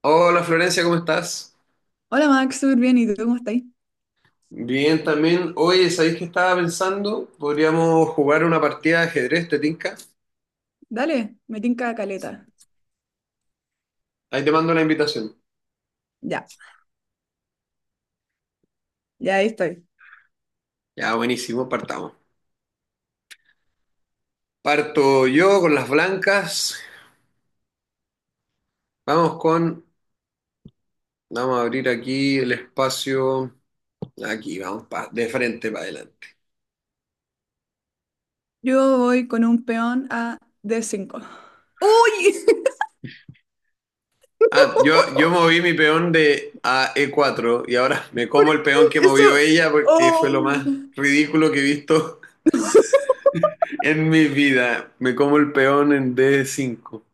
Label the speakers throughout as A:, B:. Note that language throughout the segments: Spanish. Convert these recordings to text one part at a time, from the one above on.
A: Hola Florencia, ¿cómo estás?
B: Hola Max, súper bien. ¿Y tú cómo estáis?
A: Bien también. Oye, ¿sabéis que estaba pensando? Podríamos jugar una partida de ajedrez, ¿te tinca?
B: Dale, me tinca caleta.
A: Ahí te mando la invitación.
B: Ya, ya ahí estoy.
A: Ya, buenísimo, partamos. Parto yo con las blancas. Vamos con... vamos a abrir aquí el espacio. Aquí, vamos, de frente para adelante.
B: Yo voy con un peón a D5. ¡Uy!
A: Yo moví mi peón de a E4 y ahora me
B: ¿Por
A: como el peón que
B: qué
A: movió
B: eso?
A: ella porque fue
B: ¡Oh!
A: lo más ridículo que he visto en mi vida. Me como el peón en d cinco.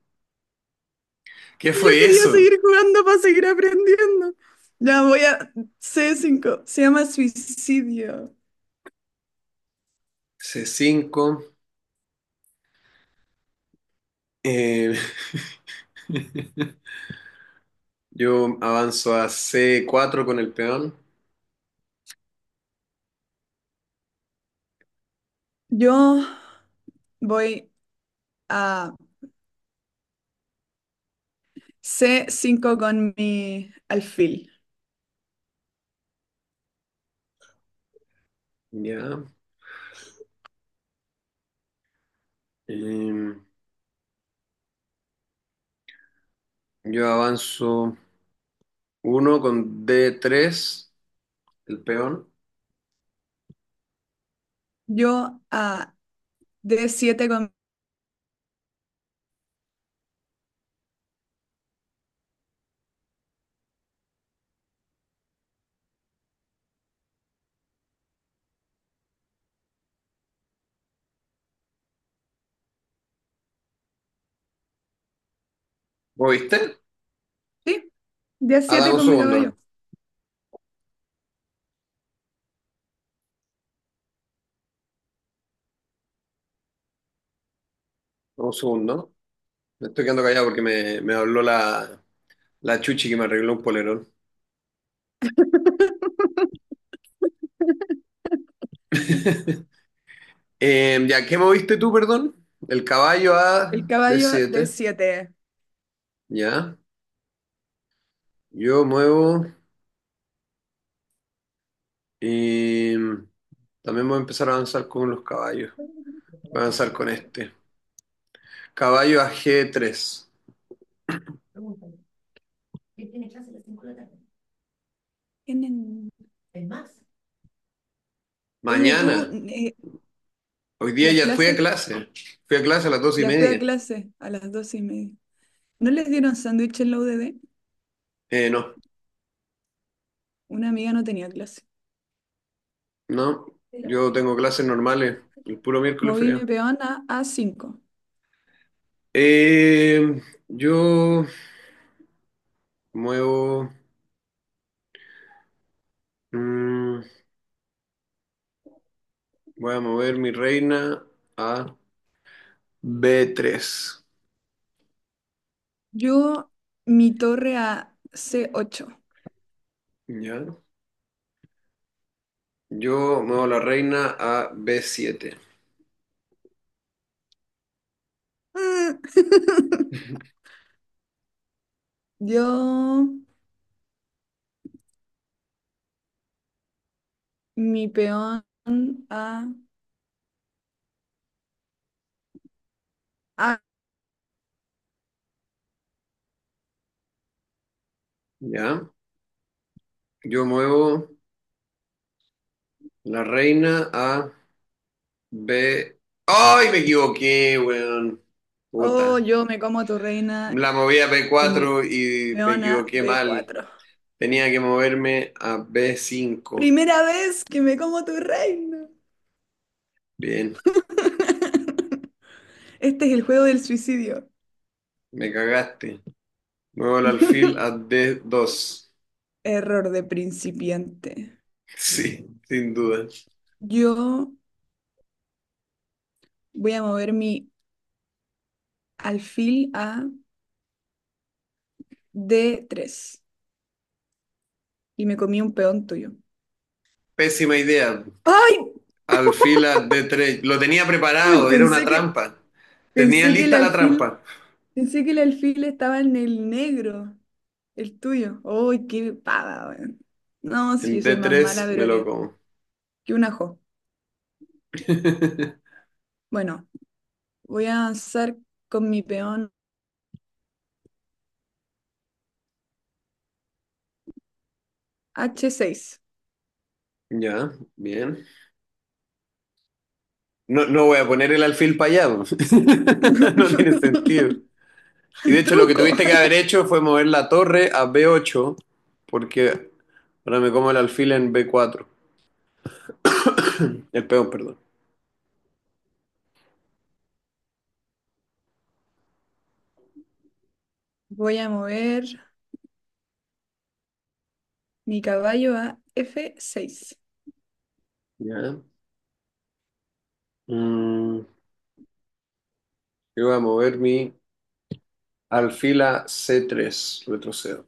A: ¿Qué
B: Yo
A: fue
B: quería
A: eso?
B: seguir jugando para seguir aprendiendo. Ya voy a C5. Se llama suicidio.
A: C5. eh, yo avanzo a C4 con el peón.
B: Yo voy a C5 con mi alfil.
A: Ya. Eh, yo avanzo uno con D3, el peón.
B: Yo a D7 con.
A: ¿Lo viste?
B: Sí,
A: Ah, dame
B: D7
A: un
B: con mi
A: segundo.
B: caballo.
A: Dame un segundo. Me estoy quedando callado porque me habló la chuchi que me arregló un polerón. Ya, ¿qué moviste tú, perdón? El caballo
B: El
A: a
B: caballo de
A: D7.
B: siete.
A: Ya. Yo muevo. eh, También voy a empezar a avanzar con los caballos. Voy a avanzar con este. Caballo a G3.
B: Tienen- Oye, tú,
A: Mañana. Hoy día
B: las
A: ya fui a
B: clases,
A: clase. Fui a clase a las dos y
B: ya fui a
A: media.
B: clase a las 12:30. ¿No les dieron sándwich en la UDD?
A: No,
B: Una amiga no tenía clase.
A: no. Yo tengo clases normales. El puro miércoles
B: Moví mi
A: frío.
B: peón a A5.
A: Yo muevo. mm, voy a mover mi reina a B3.
B: Yo, mi torre a C8.
A: ¿Ya? Yo muevo la reina a B7.
B: Mm. Yo, mi peón a, a.
A: ¿Ya? Yo muevo la reina a B. ¡Ay, me equivoqué, weón!
B: Oh,
A: Puta.
B: yo me como a tu reina
A: La moví a b
B: con mi
A: cuatro y me
B: peón a
A: equivoqué
B: b
A: mal.
B: cuatro.
A: Tenía que moverme a b cinco.
B: Primera vez que me como tu reina.
A: Bien,
B: Este es el juego del suicidio.
A: me cagaste. Muevo el alfil a d dos.
B: Error de principiante.
A: Sí, sin duda.
B: Yo voy a mover mi alfil a D3 y me comí un peón tuyo.
A: Pésima idea.
B: ¡Ay!
A: Alfil a d tres. Lo tenía
B: Uy,
A: preparado, era una trampa. Tenía
B: pensé que el
A: lista la trampa.
B: alfil, pensé que el alfil estaba en el negro, el tuyo. ¡Ay, qué pava, weón! No,
A: En
B: si yo
A: d
B: soy más
A: tres
B: mala,
A: me
B: pero
A: lo
B: que
A: como.
B: que un ajo. Bueno, voy a avanzar con mi peón H6.
A: Ya, bien. No, no voy a poner el alfil para allá. Po. No tiene sentido. Y de
B: El
A: hecho lo que
B: Truco.
A: tuviste que haber hecho fue mover la torre a b ocho, porque ahora me como el alfil en b cuatro. El peón, perdón.
B: Voy a mover mi caballo a F6.
A: Ya. Mm, yo voy a mover mi alfil a c tres, retrocedo.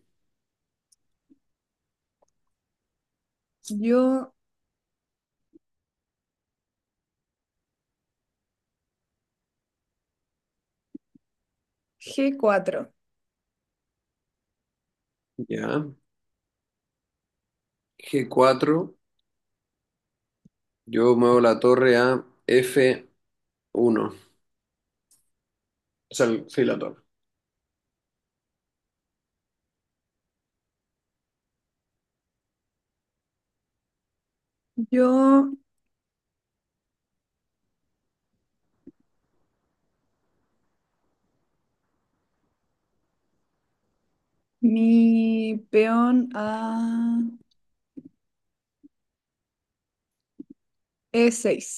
B: Yo G4.
A: Ya. G cuatro. Yo muevo la torre a f uno. O sea, el- sí, la torre.
B: Yo mi peón a E6.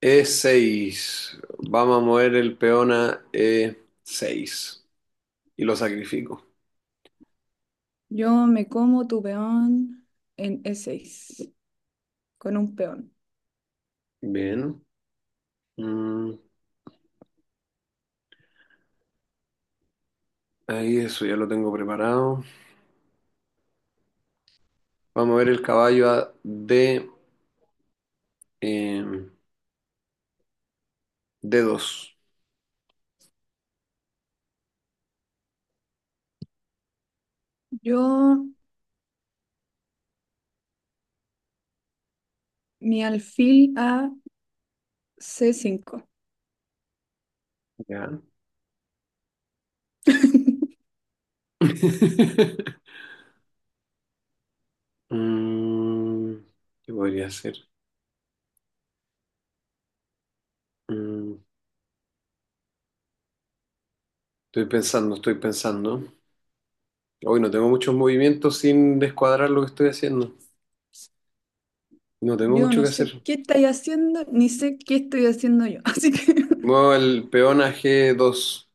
A: E seis. Vamos a mover el peón a e seis. Y lo sacrifico.
B: Yo me como tu peón en E6 con un peón.
A: Bien. Mm, ahí eso ya lo tengo preparado. Vamos a ver el caballo a D, eh, D2.
B: Yo mi alfil a C5.
A: Ya. Mm, ¿qué podría hacer? Mm, estoy pensando. Hoy no tengo muchos movimientos sin descuadrar lo que estoy haciendo. No tengo
B: Yo
A: mucho
B: no
A: que
B: sé
A: hacer.
B: qué estáis haciendo, ni sé qué estoy haciendo yo. Así que
A: Muevo el peón a g dos.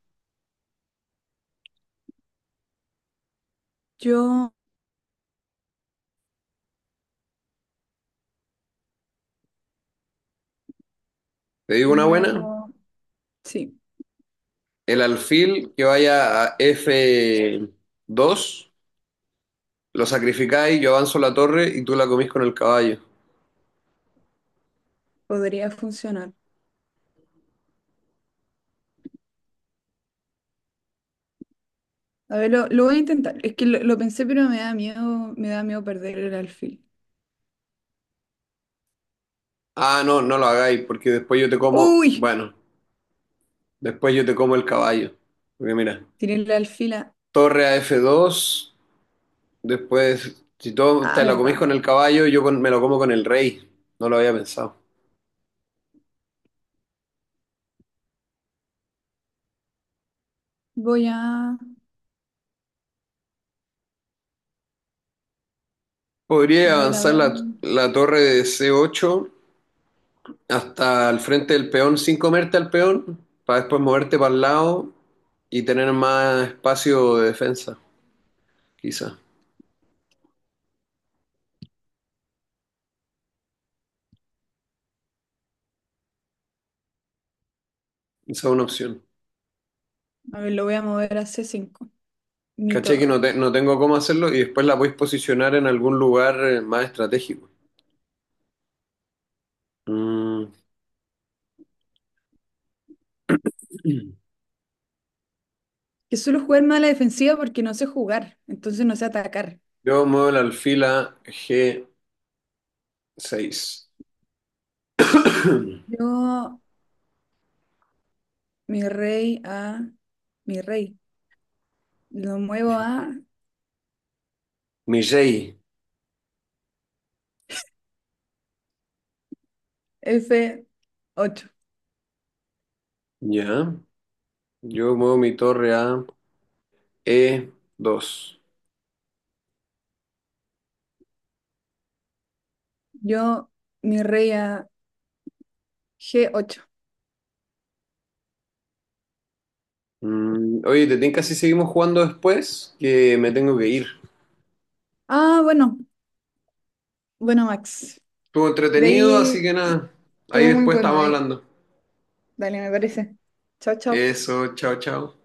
B: yo
A: ¿Te digo una buena?
B: muevo, sí,
A: El alfil que vaya a f dos. Lo sacrificáis, yo avanzo la torre y tú la comís con el caballo.
B: podría funcionar. A ver, lo voy a intentar. Es que lo pensé, pero me da miedo perder el alfil.
A: Ah, no, no lo hagáis, porque después yo te como.
B: ¡Uy!
A: Bueno, después yo te como el caballo. Porque mira,
B: Tiré el alfil a.
A: torre a F2, después, si tú
B: Ah,
A: te la comís
B: verdad.
A: con el caballo, yo me lo como con el rey. No lo había pensado.
B: Voy a.
A: Podría
B: A ver, a
A: avanzar
B: ver.
A: la torre de C8 hasta el frente del peón sin comerte al peón, para después moverte para el lado y tener más espacio de defensa, quizá. Esa es una opción.
B: A ver, lo voy a mover a C5. Mi
A: Caché que no,
B: torre.
A: no tengo cómo hacerlo y después la podéis posicionar en algún lugar más estratégico. Mm.
B: Que suelo jugar más a la defensiva porque no sé jugar. Entonces no sé atacar.
A: Yo muevo el alfil a G6.
B: Yo, mi rey a. Mi rey. Lo muevo a
A: Mi rey.
B: F8.
A: Ya. Yo muevo mi torre a E2.
B: Yo, mi rey a G8.
A: Mm, oye, ¿te tinca si seguimos jugando después? Que me tengo que ir.
B: Ah, bueno. Bueno, Max.
A: Estuvo
B: De
A: entretenido, así
B: ahí
A: que nada. Ahí
B: Estuvo muy
A: después
B: bueno,
A: estamos
B: Dai.
A: hablando.
B: Dale, me parece. Chao, chao.
A: Eso, chao, chao.